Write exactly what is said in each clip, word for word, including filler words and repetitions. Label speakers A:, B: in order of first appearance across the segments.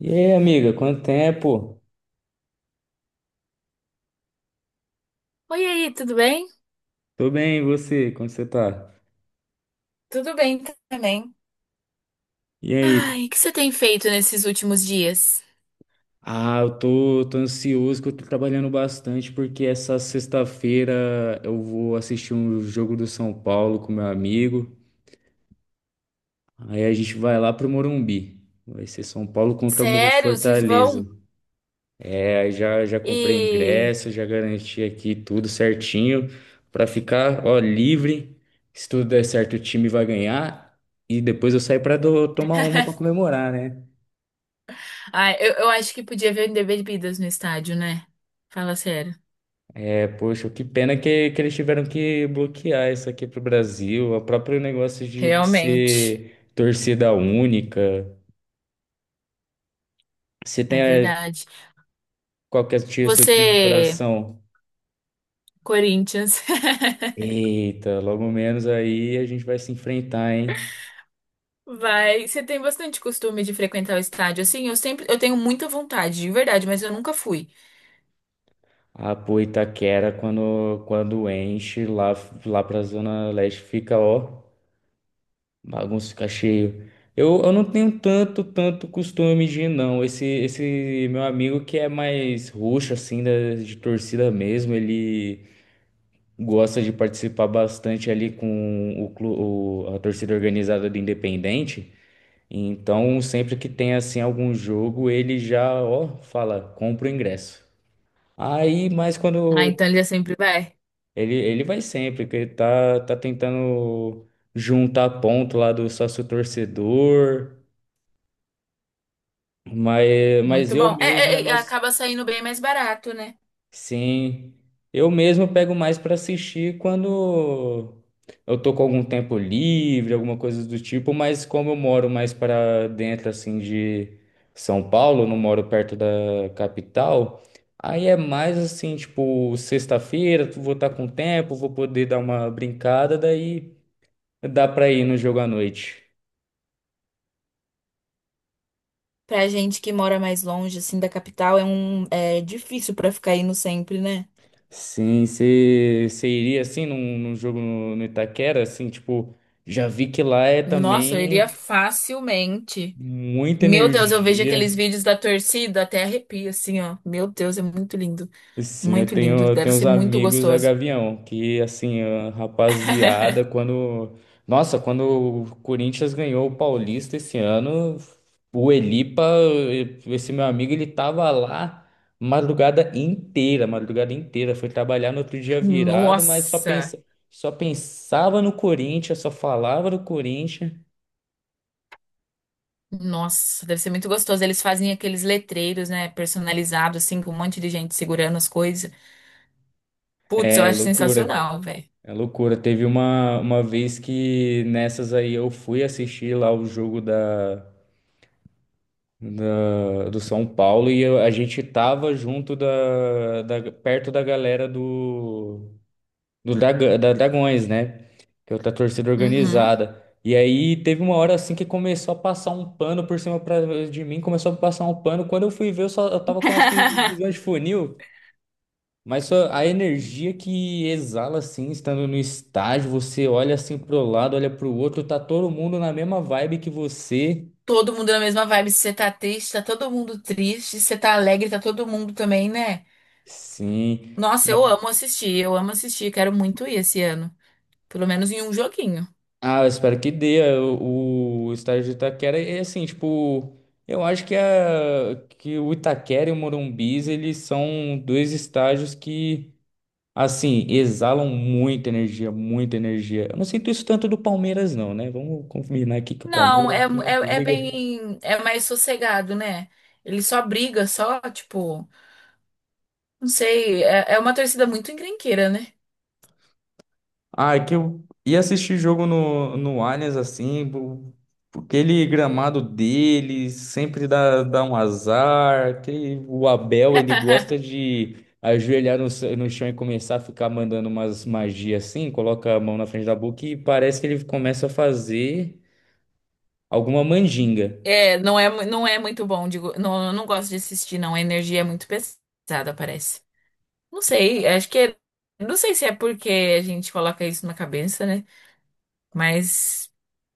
A: E aí, amiga, quanto tempo?
B: Oi, e aí, tudo bem?
A: Tô bem, e você? Como você tá?
B: Tudo bem também.
A: E aí?
B: Ai, o que você tem feito nesses últimos dias?
A: Ah, eu tô, tô ansioso que eu tô trabalhando bastante porque essa sexta-feira eu vou assistir um jogo do São Paulo com meu amigo. Aí a gente vai lá pro Morumbi. Vai ser São Paulo contra Mo-
B: Sério, vocês
A: Fortaleza.
B: vão?
A: É, aí já, já comprei
B: E
A: ingresso, já garanti aqui tudo certinho pra ficar, ó, livre. Se tudo der certo, o time vai ganhar. E depois eu saio pra do- tomar uma pra comemorar, né?
B: Ai, eu, eu acho que podia ver o Bebidas no estádio, né? Fala sério.
A: Poxa, que pena que, que eles tiveram que bloquear isso aqui pro Brasil. O próprio negócio de
B: Realmente.
A: ser torcida única. Se tem
B: É
A: eh,
B: verdade.
A: qualquer tio, seu time do
B: Você,
A: coração.
B: Corinthians,
A: Eita, logo menos aí a gente vai se enfrentar, hein?
B: vai. Você tem bastante costume de frequentar o estádio, assim? Eu sempre, eu tenho muita vontade, de verdade, mas eu nunca fui.
A: A pô, Itaquera, quando, quando enche lá, lá pra Zona Leste, fica, ó. Bagunça fica cheio. Eu, eu não tenho tanto, tanto costume de ir, não. Esse, esse meu amigo que é mais roxo, assim, da, de torcida mesmo, ele gosta de participar bastante ali com o, clu- o- a torcida organizada do Independente. Então, sempre que tem, assim, algum jogo, ele já, ó, fala, compra o ingresso. Aí, mas
B: Ah, então
A: quando.
B: ele é sempre vai.
A: Ele, ele vai sempre, que ele tá, tá tentando juntar ponto lá do sócio torcedor. Mas, mas
B: Muito
A: eu
B: bom. É,
A: mesmo é
B: é, é,
A: mais.
B: acaba saindo bem mais barato, né?
A: Sim, eu mesmo pego mais para assistir quando eu tô com algum tempo livre, alguma coisa do tipo, mas como eu moro mais para dentro assim de São Paulo, não moro perto da capital, aí é mais assim, tipo, sexta-feira, vou estar com tempo, vou poder dar uma brincada, daí dá para ir no jogo à noite.
B: Pra gente que mora mais longe, assim, da capital, é um é difícil pra ficar indo sempre, né?
A: Sim, você iria assim num, num jogo no, no Itaquera, assim, tipo, já vi que lá é
B: Nossa, eu iria
A: também
B: facilmente.
A: muita
B: Meu Deus, eu vejo aqueles
A: energia.
B: vídeos da torcida, até arrepio, assim, ó. Meu Deus, é muito lindo.
A: Sim, eu
B: Muito lindo.
A: tenho, eu
B: Deve
A: tenho uns
B: ser muito
A: amigos da
B: gostoso.
A: Gavião, que assim, a rapaziada, quando. Nossa, quando o Corinthians ganhou o Paulista esse ano, o Elipa, esse meu amigo, ele tava lá madrugada inteira, madrugada inteira. Foi trabalhar no outro dia virado, mas só
B: Nossa!
A: pensa, só pensava no Corinthians, só falava do Corinthians.
B: Nossa, deve ser muito gostoso. Eles fazem aqueles letreiros, né? Personalizados, assim, com um monte de gente segurando as coisas. Putz, eu
A: É
B: acho
A: loucura.
B: sensacional, velho.
A: É loucura. Teve uma, uma vez que nessas aí eu fui assistir lá o jogo da. da- do São Paulo e eu- a gente tava junto da, da- perto da galera do, do Draga- da Dragões, né? Que é outra torcida
B: Uhum.
A: organizada. E aí teve uma hora assim que começou a passar um pano por cima pra, de mim, começou a passar um pano. Quando eu fui ver, eu só eu tava com a visão de funil. Mas só a energia que exala assim, estando no estádio, você olha assim pro lado, olha pro outro, tá todo mundo na mesma vibe que você.
B: Todo mundo na mesma vibe. Se você tá triste, tá todo mundo triste. Se você tá alegre, tá todo mundo também, né?
A: Sim.
B: Nossa, eu amo assistir, eu amo assistir. Quero muito ir esse ano. Pelo menos em um joguinho.
A: Ah, eu espero que dê. é, O, o estádio de Itaquera é assim, tipo, eu acho que, a, que o Itaquera e o Morumbis, eles são dois estádios que, assim, exalam muita energia, muita energia. Eu não sinto isso tanto do Palmeiras, não, né? Vamos combinar aqui que o
B: Não, é,
A: Palmeiras, quem é que
B: é, é
A: liga?
B: bem. É mais sossegado, né? Ele só briga, só, tipo. Não sei. É, é uma torcida muito encrenqueira, né?
A: Ah, é que eu ia assistir jogo no, no Allianz, assim, bo- aquele gramado dele sempre dá, dá um azar. Aquele, o Abel, ele gosta de ajoelhar no, c- no chão e começar a ficar mandando umas magias assim, coloca a mão na frente da boca e parece que ele começa a fazer alguma mandinga.
B: É, não é, mu- não é muito bom. Digo, não, eu não gosto de assistir, não. A energia é muito pesada, parece. Não sei, acho que. É- Não sei se é porque a gente coloca isso na cabeça, né? Mas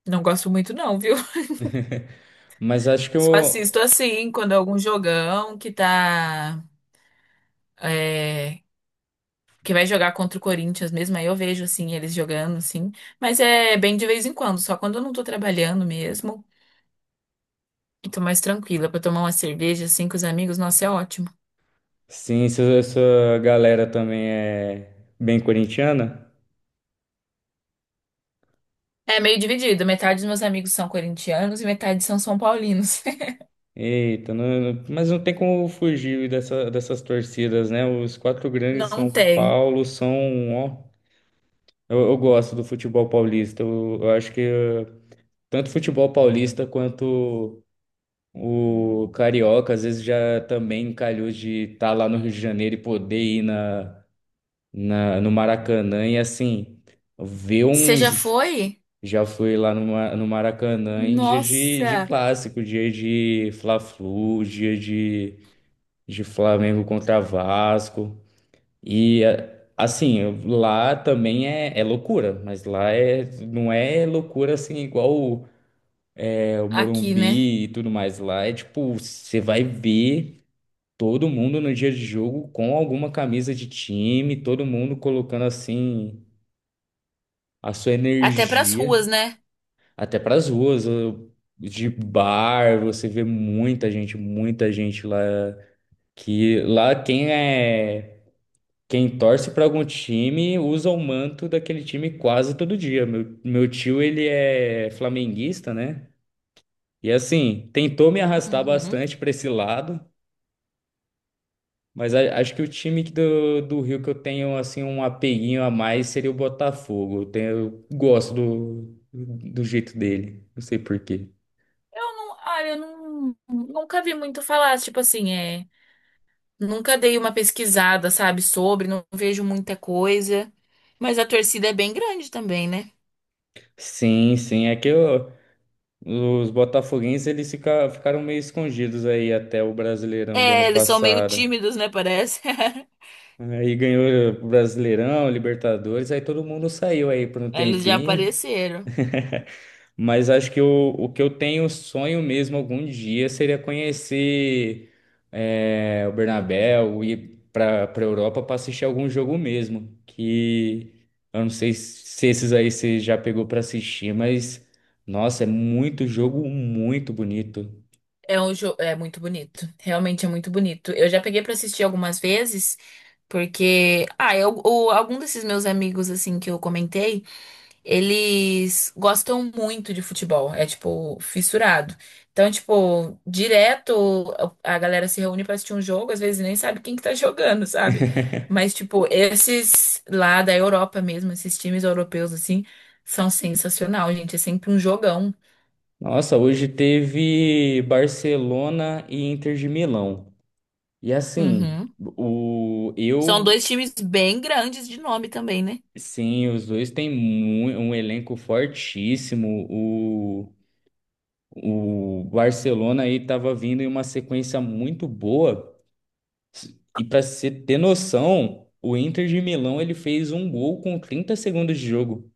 B: não gosto muito, não, viu?
A: Mas acho que
B: Só
A: eu.
B: assisto assim, quando é algum jogão que tá. é, que vai jogar contra o Corinthians mesmo, aí eu vejo assim, eles jogando, assim. Mas é bem de vez em quando, só quando eu não tô trabalhando mesmo. E tô mais tranquila pra tomar uma cerveja assim com os amigos, nossa, é ótimo.
A: Sim, essa essa galera também é bem corintiana.
B: É meio dividido, metade dos meus amigos são corintianos e metade são são paulinos.
A: Eita, não- não- mas não tem como fugir dessa, dessas torcidas, né? Os quatro grandes
B: Não
A: São
B: tem.
A: Paulo são, ó, eu, eu gosto do futebol paulista. Eu, eu acho que eh, tanto o futebol paulista quanto o carioca, às vezes já também calhou de estar lá no Rio de Janeiro e poder ir na, na, no Maracanã e assim ver
B: Você já
A: uns.
B: foi?
A: Já fui lá no, Ma- no Maracanã em dia de, de
B: Nossa,
A: clássico, dia de Fla-Flu, dia de de Flamengo contra Vasco. E a- assim, eu- lá também é, é loucura, mas lá é, não é loucura assim igual o, é, o
B: aqui, né?
A: Morumbi e tudo mais. Lá é tipo, você vai ver todo mundo no dia de jogo com alguma camisa de time, todo mundo colocando assim a sua
B: Até pras
A: energia
B: ruas, né?
A: até para as ruas. eu- De bar, você vê muita gente, muita gente lá. Que lá quem é Quem torce para algum time usa o manto daquele time quase todo dia. Meu, meu tio, ele é flamenguista, né? E assim, tentou me arrastar
B: Uhum.
A: bastante para esse lado, mas a- acho que o time que do, do Rio que eu tenho assim um apeguinho a mais seria o Botafogo. Eu, tenho, eu gosto do, do jeito dele, não sei por quê.
B: Eu não, olha, eu não, nunca vi muito falar, tipo assim, é, nunca dei uma pesquisada, sabe, sobre, não vejo muita coisa, mas a torcida é bem grande também, né?
A: Sim, sim, é que eu- os botafoguenses eles fica- ficaram meio escondidos aí até o Brasileirão do ano
B: É, eles são meio
A: passado.
B: tímidos, né, parece.
A: Aí ganhou o Brasileirão, Libertadores, aí todo mundo saiu aí por um
B: Eles já
A: tempinho.
B: apareceram.
A: Mas acho que o, o que eu tenho sonho mesmo algum dia seria conhecer é, o Bernabéu, ir para para Europa para assistir algum jogo mesmo. Que eu não sei se esses aí você já pegou para assistir, mas nossa, é muito jogo muito bonito.
B: É um jogo, é muito bonito, realmente é muito bonito. Eu já peguei pra assistir algumas vezes, porque, ah, eu, o- algum desses meus amigos, assim, que eu comentei, eles gostam muito de futebol, é tipo fissurado. Então, tipo, direto a galera se reúne pra assistir um jogo, às vezes nem sabe quem que tá jogando, sabe? Mas tipo, esses lá da Europa mesmo, esses times europeus assim, são sensacional, gente, é sempre um jogão.
A: Nossa, hoje teve Barcelona e Inter de Milão. E assim,
B: Uhum.
A: o
B: São
A: eu
B: dois times bem grandes de nome também, né?
A: sim, os dois têm mu- um elenco fortíssimo. O, o Barcelona aí estava vindo em uma sequência muito boa. E para você ter noção, o Inter de Milão ele fez um gol com trinta segundos de jogo.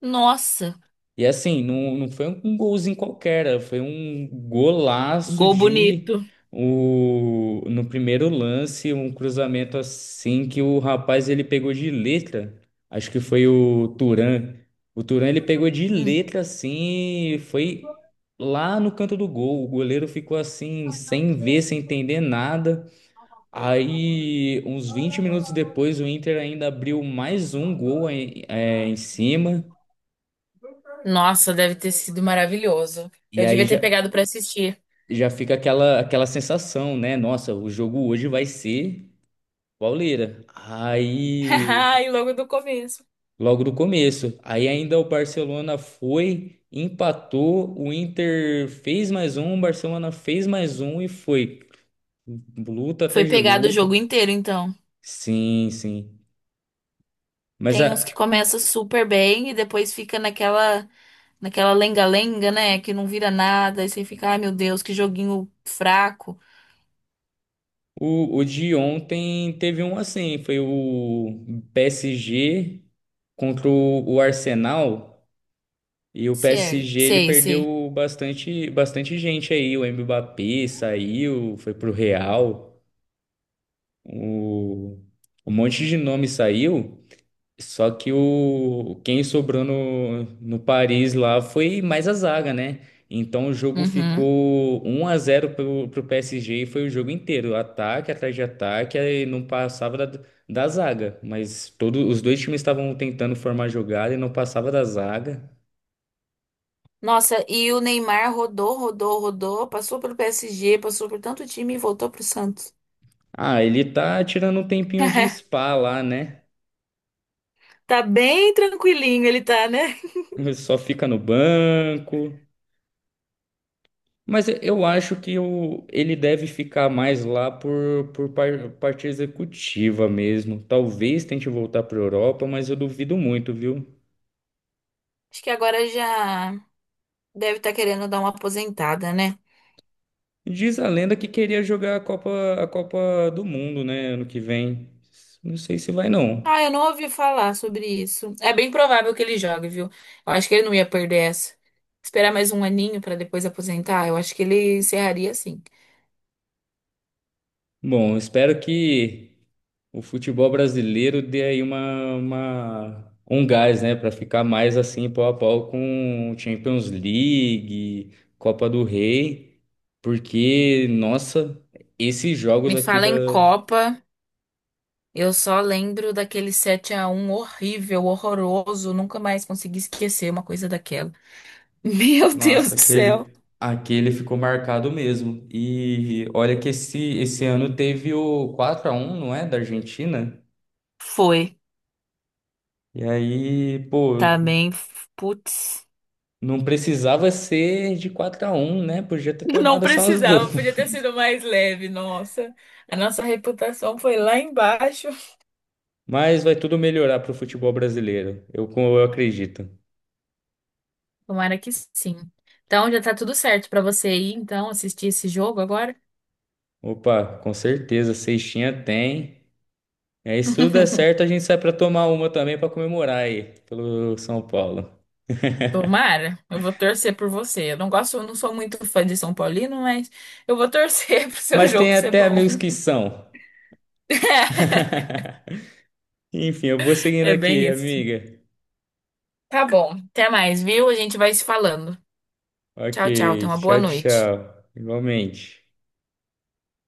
B: Nossa,
A: E assim, não, não foi um golzinho qualquer, né? Foi um golaço
B: gol
A: de
B: bonito.
A: o, no primeiro lance, um cruzamento assim que o rapaz ele pegou de letra. Acho que foi o Turan. O Turan ele pegou de
B: Hum.
A: letra assim, e foi lá no canto do gol. O goleiro ficou assim, sem ver, sem entender nada. Aí, uns vinte minutos depois, o Inter ainda abriu mais um gol em, é, em cima.
B: Nossa, deve ter sido maravilhoso.
A: E
B: Eu
A: aí
B: devia ter
A: já,
B: pegado pra assistir.
A: já fica aquela aquela sensação, né? Nossa, o jogo hoje vai ser pauleira. Aí,
B: E logo do começo.
A: logo no começo, aí ainda o Barcelona foi, empatou, o Inter fez mais um, o Barcelona fez mais um e foi luta
B: Foi
A: atrás de
B: pegado o
A: luta.
B: jogo inteiro, então.
A: Sim, sim. Mas a
B: Tem uns que começa super bem e depois fica naquela naquela lenga-lenga, né? Que não vira nada. E você fica, ai meu Deus, que joguinho fraco.
A: O, o de ontem teve um assim, foi o P S G contra o o Arsenal. E o
B: Sei,
A: P S G ele
B: sei, sei.
A: perdeu bastante, bastante gente aí. O Mbappé saiu, foi pro Real. O, Um monte de nome saiu. Só que o quem sobrou no, no Paris lá foi mais a zaga, né? Então o jogo
B: Uhum.
A: ficou um a zero pro, pro P S G e foi o jogo inteiro, ataque atrás de ataque, aí não passava da, da zaga, mas todo, os dois times estavam tentando formar jogada e não passava da zaga.
B: Nossa, e o Neymar rodou, rodou, rodou. Passou pelo P S G, passou por tanto time e voltou pro Santos.
A: Ah, ele tá tirando um tempinho de spa lá, né?
B: Tá bem tranquilinho ele tá, né?
A: Só fica no banco. Mas eu acho que o, ele deve ficar mais lá por, por par- parte executiva mesmo. Talvez tente voltar para a Europa, mas eu duvido muito, viu?
B: Acho que agora já deve estar querendo dar uma aposentada, né?
A: Diz a lenda que queria jogar a Copa, a Copa do Mundo, né, ano que vem. Não sei se vai, não.
B: Ah, eu não ouvi falar sobre isso. É bem provável que ele jogue, viu? Eu acho que ele não ia perder essa. Esperar mais um aninho pra depois aposentar, eu acho que ele encerraria assim.
A: Bom, espero que o futebol brasileiro dê aí uma, uma- um gás, né, para ficar mais assim pau a pau com Champions League, Copa do Rei, porque nossa, esses jogos
B: Me
A: aqui
B: fala
A: da.
B: em Copa, eu só lembro daquele sete a um horrível, horroroso, nunca mais consegui esquecer uma coisa daquela. Meu Deus
A: Nossa,
B: do céu.
A: aquele aquele ficou marcado mesmo. E olha que esse esse ano teve o quatro a um não é, da Argentina?
B: Foi.
A: E aí, pô,
B: Também, putz.
A: não precisava ser de quatro a um, né? Podia ter
B: Não
A: tomado só uns dois.
B: precisava, podia ter sido mais leve, nossa. A nossa reputação foi lá embaixo.
A: Mas vai tudo melhorar para o futebol brasileiro. Eu, eu acredito.
B: Tomara que sim. Então já tá tudo certo pra você ir, então, assistir esse jogo agora.
A: Opa, com certeza, sextinha tem. É, se tudo der certo, a gente sai para tomar uma também para comemorar aí pelo São Paulo.
B: Tomara, eu vou torcer por você. Eu não gosto, eu não sou muito fã de São Paulino, mas eu vou torcer pro seu
A: Mas
B: jogo
A: tem
B: ser
A: até
B: bom.
A: amigos que são. Enfim, eu vou seguindo
B: É bem
A: aqui,
B: isso.
A: amiga.
B: Tá bom. Até mais, viu? A gente vai se falando.
A: Ok,
B: Tchau, tchau. Tenha uma boa
A: tchau,
B: noite.
A: tchau. Igualmente.